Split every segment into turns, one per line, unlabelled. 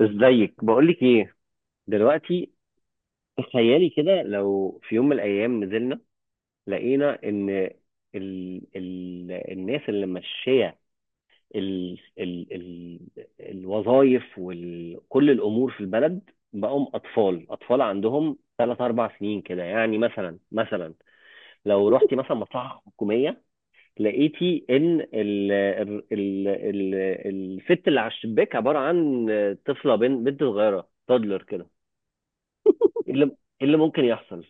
ازيك؟ بقولك ايه دلوقتي، تخيلي كده لو في يوم من الايام نزلنا لقينا ان ال الناس اللي ماشيه ال ال ال الوظائف وكل الامور في البلد بقوا اطفال، اطفال عندهم ثلاث اربع سنين كده، يعني مثلا لو رحتي مثلا مصلحه حكوميه لقيتي ان ال الست اللي على الشباك عباره عن طفله، بنت بنت صغيره، تادلر كده. إيه اللي ممكن يحصل؟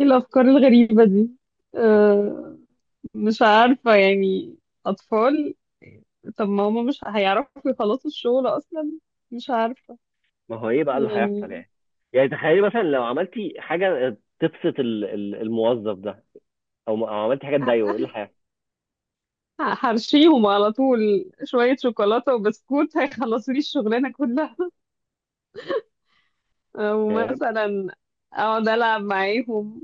ايه الافكار الغريبه دي؟ أه. مش عارفه يعني. اطفال. طب ما هما مش هيعرفوا يخلصوا الشغل اصلا. مش عارفه.
ما هو ايه بقى اللي هيحصل
يعني
يعني تخيلي مثلا لو عملتي حاجه تبسط الموظف ده، او عملتي حاجه تضايقه
ه-
ايه اللي هيحصل؟
هرشيهم على طول شويه شوكولاته وبسكوت هيخلصوا لي الشغلانه كلها. أه،
يعني
ومثلا اقعد العب معاهم.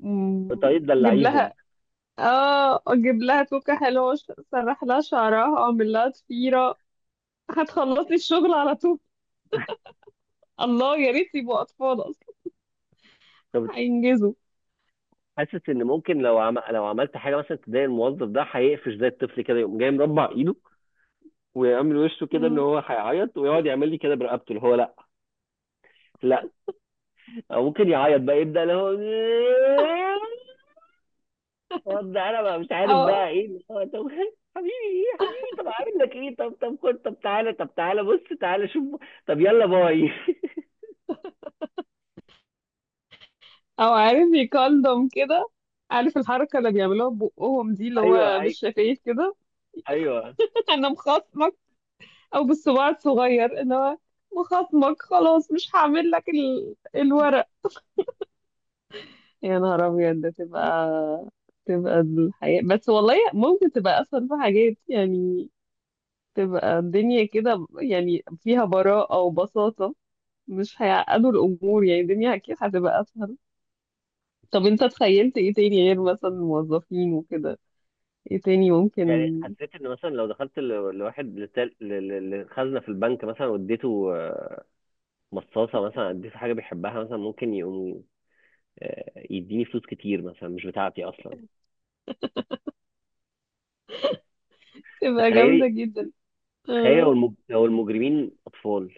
مم،
طريقه
اجيب
تدلعيهم.
لها. اه، اجيب لها توكه حلوه. سرح لها شعرها اعمل لها ضفيره. هتخلص لي الشغل على طول. الله يا ريت يبقوا اطفال.
طب
هينجزوا.
حاسس ان ممكن لو لو عملت حاجه مثلا تضايق الموظف ده هيقفش زي الطفل كده، يقوم جاي مربع ايده ويعمل وشه كده ان
مم.
هو هيعيط، ويقعد يعمل لي كده برقبته اللي هو لا، لا. او ممكن يعيط بقى، يبدا اللي هو رد، انا بقى مش عارف
او
بقى ايه اللي هو. طب حبيبي ايه، يا حبيبي، طب عامل لك ايه، طب طب خد، طب تعالى، طب تعالى بص تعالى شوف، طب يلا باي.
او عارف يكلم كده. عارف الحركة اللي بيعملوها ببقهم دي اللي
ايوه
هو
ايوه،
بالشفايف كده.
ايوه.
انا مخاصمك. او بالصباع الصغير اللي هو. مخاصمك خلاص مش هعمل لك الورق. يا نهار ابيض ده. تبقى الحياة، بس والله ممكن تبقى اسهل في حاجات يعني. تبقى الدنيا كده يعني فيها براءة وبساطة. مش هيعقدوا الامور، يعني الدنيا اكيد هتبقى اسهل. طب انت تخيلت ايه تاني غير مثلا الموظفين وكده؟ ايه تاني
يعني
ممكن؟
حسيت ان مثلا لو دخلت لواحد لخزنه في البنك مثلا واديته مصاصه مثلا، اديته حاجه بيحبها مثلا ممكن يقوم يديني فلوس كتير مثلا مش بتاعتي اصلا.
تبقى جامدة
تخيلي،
جدا.
تخيلي لو
اه.
لو المجرمين اطفال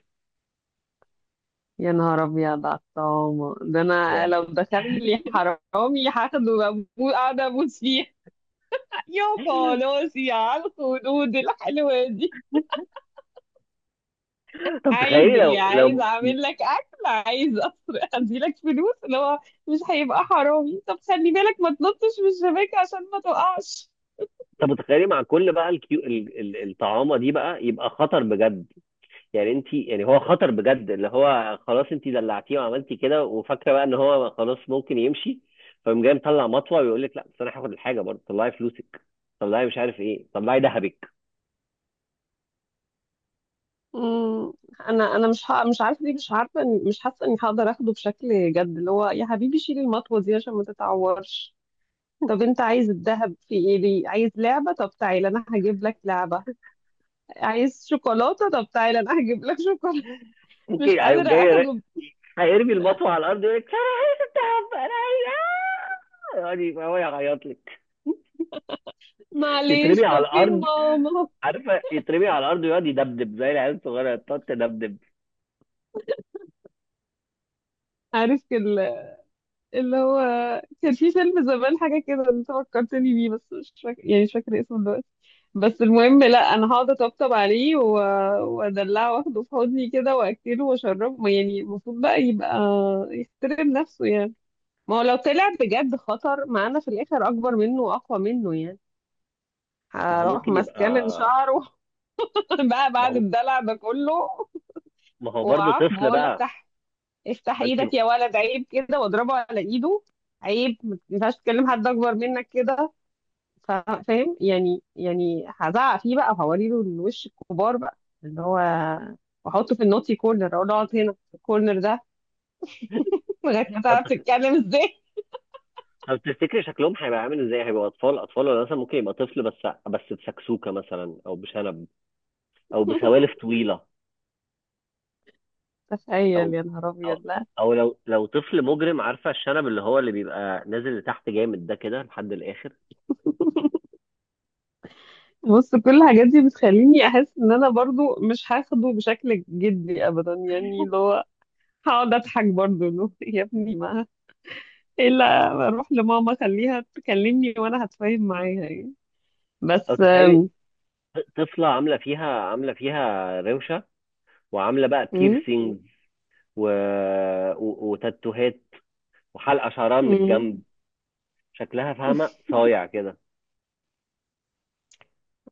يا نهار ابيض على الطعامة ده، انا
يعني.
لو دخل لي حرامي هاخده قاعدة ابوس فيه. يا خلاصي على الخدود الحلوة دي.
طب
عايز
تخيلي
ايه؟
لو
عايز
لو
اعمل لك اكل؟ عايز اسرق؟ اديلك فلوس. اللي هو مش هيبقى حرامي. طب خلي بالك ما تنطش من الشباك عشان ما تقعش.
طب تخيلي مع كل بقى الكيو الطعامه دي بقى، يبقى خطر بجد. يعني انت يعني هو خطر بجد اللي هو خلاص، انت دلعتيه وعملتي كده وفاكره بقى ان هو خلاص ممكن يمشي، فقام جاي مطلع مطوه ويقول لك لا بس انا هاخد الحاجه برضه، طلعي فلوسك، طلعي مش عارف ايه، طلعي ذهبك.
مم، انا مش عارفه. دي مش عارفه مش حاسه اني هقدر اخده بشكل جد. اللي هو يا حبيبي شيل المطوه دي عشان ما تتعورش. طب انت عايز الذهب في ايه؟ ليه؟ عايز لعبه؟ طب تعالى انا هجيب لك لعبه. عايز شوكولاته؟ طب تعالى انا هجيب لك شوكولاته. مش
ممكن هيقوم
قادره
جاي
اخده.
هيرمي المطوه على الارض، يقول لك انا عايز الذهب انا عايز آه!" يعني هو يعيط لك،
معلش،
يترمي على
طب فين
الارض.
ماما؟
عارفه يترمي على الارض ويقعد يدبدب زي العيال الصغيره تقعد تدبدب.
عارف كده. اللي هو كان في فيلم زمان حاجة كده انت فكرتني بيه، بس مش فاكر يعني مش فاكرة اسمه دلوقتي. بس المهم، لا، انا هقعد اطبطب عليه وادلعه واخده في حضني كده واكله واشربه. ما يعني المفروض بقى يبقى يحترم نفسه يعني. ما هو لو طلع بجد خطر معانا في الاخر اكبر منه واقوى منه يعني
ما هو
هروح
ممكن
ماسكاه من
يبقى،
شعره. بقى
ما
بعد
هو
الدلع ده كله،
ما هو برضه
وعاقبه
طفل
اقول له
بقى.
افتح. افتح
فانت.
ايدك يا ولد، عيب كده، واضربه على ايده. عيب ما ينفعش تكلم حد اكبر منك كده. فاهم يعني هزعق فيه بقى وهوري له الوش الكبار بقى. اللي هو واحطه في النوتي كورنر اقول له اقعد هنا في الكورنر ده. لغايه ما
طب،
تعرف تتكلم ازاي.
طب تفتكري شكلهم هيبقى عامل ازاي؟ هيبقى اطفال اطفال ولا مثلا ممكن يبقى طفل، بس بس بسكسوكه مثلا، او بشنب، او بسوالف طويله،
تخيل
او
يا نهار
او
ابيض. لا،
او لو طفل مجرم، عارفه الشنب اللي هو اللي بيبقى نازل لتحت جامد ده كده لحد الاخر.
بص كل الحاجات دي بتخليني احس ان انا برضو مش هاخده بشكل جدي ابدا. يعني اللي هو هقعد اضحك برضو، اللي هو يا ابني، ما الا اروح لماما خليها تكلمني وانا هتفاهم معاها يعني.
او
بس
تخيلي طفله عامله فيها روشه، وعامله بقى
مم،
بيرسينج، و... و وتاتوهات وحلقه شعرها من
مم.
الجنب، شكلها فاهمه صايع كده.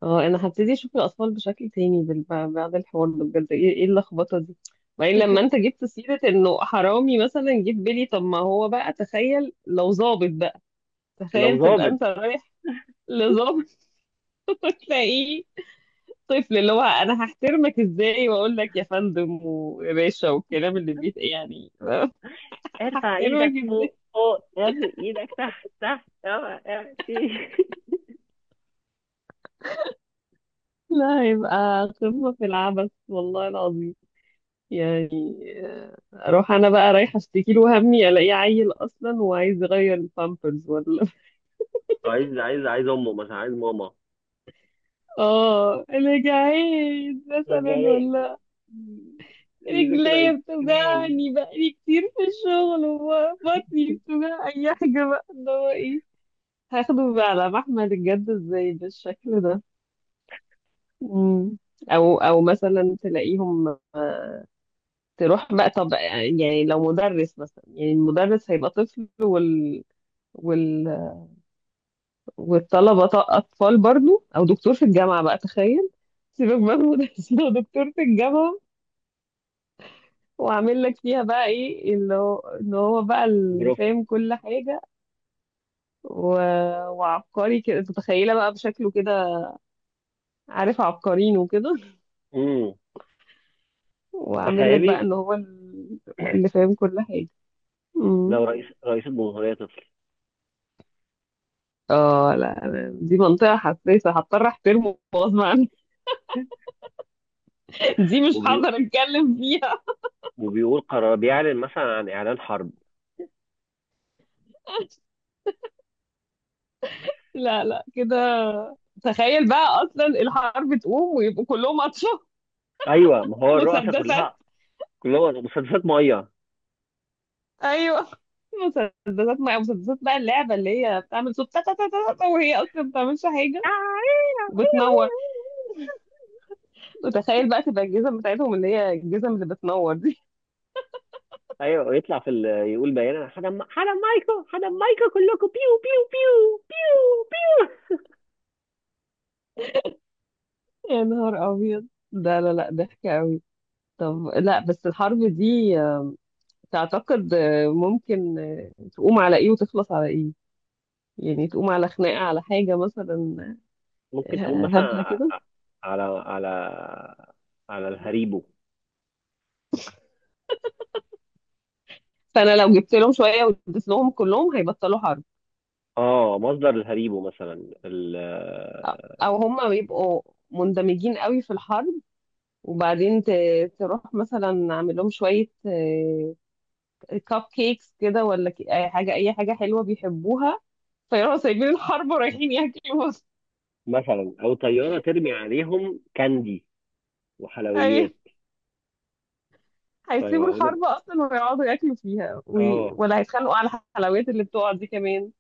اه، انا هبتدي اشوف الاطفال بشكل تاني بعد الحوار ده، بجد ايه اللخبطه دي. وبعدين لما انت جبت سيره انه حرامي مثلا، جه في بالي طب ما هو بقى، تخيل لو ظابط بقى.
لو
تخيل تبقى
ظابط،
انت رايح لظابط. وتلاقيه طفل. اللي هو انا هحترمك ازاي؟ واقول لك يا فندم ويا باشا والكلام اللي بيت يعني. هحترمك ازاي؟ لا يبقى قمة في العبث والله العظيم يعني. آه، اروح انا بقى رايحة اشتكي له همي، الاقيه عيل اصلا وعايز يغير البامبرز ولا.
عايز عايز امه مثلا، عايز ماما،
اه انا جعان مثلا
يبقى
ولا
يذاكر
رجليا
ايس كريم.
بتوجعني بقالي كتير في الشغل وبطني بتوجع اي حاجة بقى. اللي هو ايه، هاخده بقى على محمل الجد ازاي بالشكل ده؟ مم. او مثلا تلاقيهم. تروح بقى. طب يعني لو مدرس مثلا، يعني المدرس هيبقى طفل وال... والطلبة أطفال برضو. أو دكتور في الجامعة بقى، تخيل. سيبك بقى من المدرسين، هو دكتور في الجامعة وعامل لك فيها بقى إيه، اللي هو إن هو بقى اللي
برافو.
فاهم كل حاجة و... وعبقري كده. تتخيلها بقى بشكله كده. عارف عبقريين وكده.
امم
وعامل لك بقى
تخيلي
إن هو اللي فاهم كل حاجة. مم.
لو رئيس الجمهورية طفل،
اه لا، دي منطقة حساسة هضطر احترمه غصب عني. دي مش
وبي...
هقدر اتكلم فيها.
وبيقول قرار، بيعلن مثلا عن إعلان حرب.
لا لا كده. تخيل بقى اصلا الحرب تقوم ويبقوا كلهم اطفال.
أيوه ما هو الرؤساء
مسدسات.
كلها، كلها مسدسات مية.
ايوه. مسدسات مع مسدسات بقى، اللعبه اللي هي بتعمل صوت تا تا تا تا تا وهي اصلا ما بتعملش حاجه، وبتنور. وتخيل بقى تبقى الجزم بتاعتهم اللي هي الجزم اللي بتنور دي.
أيوه ويطلع في يقول بيان أنا هدم هدم مايكو، هدم مايكو كلكم بيو بيو بيو بيو بيو.
يا نهار ابيض ده. لا لا، ضحك قوي. طب لا، بس الحرب دي تعتقد ممكن تقوم على ايه وتخلص على ايه؟ يعني تقوم على خناقه على حاجه مثلا
ممكن تقوم مثلا
هبله
ع-
كده.
على على الهريبو.
فانا لو جبت لهم شويه واديت لهم كلهم هيبطلوا حرب.
اه، مصدر الهريبو مثلا
او هم بيبقوا مندمجين قوي في الحرب، وبعدين تروح مثلا اعمل لهم شويه كاب كيكس كده ولا اي حاجه اي حاجه حلوه بيحبوها، فيروحوا سايبين الحرب ورايحين ياكلوا.
مثلا، او طياره ترمي عليهم كاندي
ايوه.
وحلويات،
هيسيبوا
فيقعدوا.
الحرب اصلا ويقعدوا ياكلوا فيها
اه
ولا هيتخانقوا على الحلويات اللي بتقع دي كمان.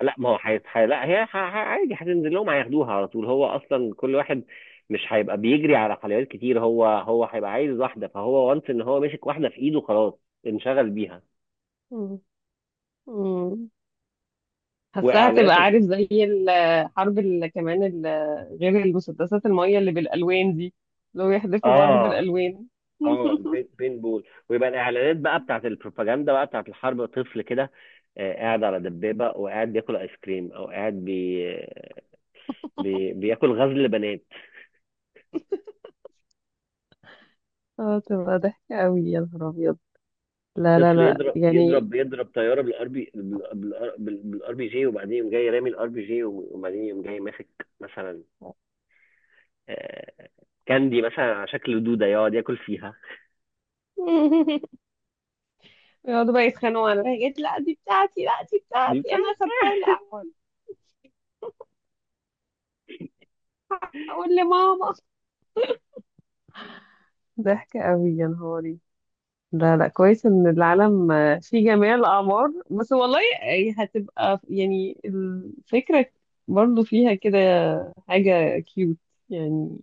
لا، ما هو لا هي عادي هتنزل لهم هياخدوها على طول، هو اصلا كل واحد مش هيبقى بيجري على حلويات كتير، هو هيبقى عايز واحده، فهو وانس ان هو مسك واحده في ايده خلاص، انشغل بيها.
مم. مم. حاساها هتبقى
واعلانات
عارف زي الحرب اللي كمان غير المسدسات المية اللي بالألوان دي، لو يحذفوا بعض
اه،
بالألوان.
اه، بين بين بول، ويبقى الاعلانات بقى بتاعت البروباجندا بقى بتاعت الحرب طفل كده، قاعد على دبابه وقاعد بياكل ايس كريم، او قاعد بياكل غزل بنات.
اه تبقى ضحكة قوي يا نهار أبيض. لا لا
طفل
لا
يضرب
يعني.
يضرب يضرب طياره بالار بي جي، وبعدين يقوم جاي رامي الار بي جي، وبعدين يقوم جاي ماسك مثلا آه، كاندي مثلا على شكل دوده يقعد ياكل فيها.
يقعدوا بقى يتخانقوا على الحاجات، لا دي بتاعتي، لا دي
دي
بتاعتي أنا
بتاعت.
أخدتها الأول. أقول لماما. ضحكة قوي يا نهار. لا لا، كويس ان العالم في جميع الاعمار. بس والله هتبقى يعني الفكره برضو فيها كده حاجه كيوت يعني.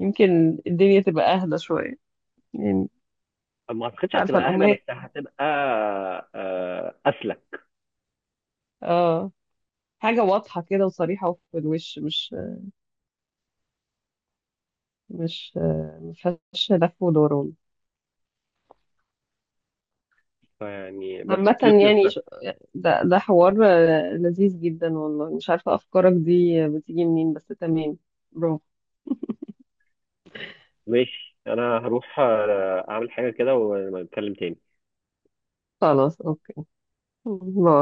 يمكن الدنيا تبقى اهدى شويه يعني.
ما اعتقدش
مش عارفه.
هتبقى اهدى بس
الامهات
هتبقى اسلك.
اه، حاجه واضحه كده وصريحه في الوش. مش ما فيهاش لف ودوران
يعني بس
عامة.
كيوتنس.
يعني ده حوار لذيذ جدا والله. مش عارفة أفكارك دي بتيجي منين بس تمام. برافو.
ماشي، انا هروح اعمل حاجة كده ونتكلم تاني.
خلاص أوكي. باي.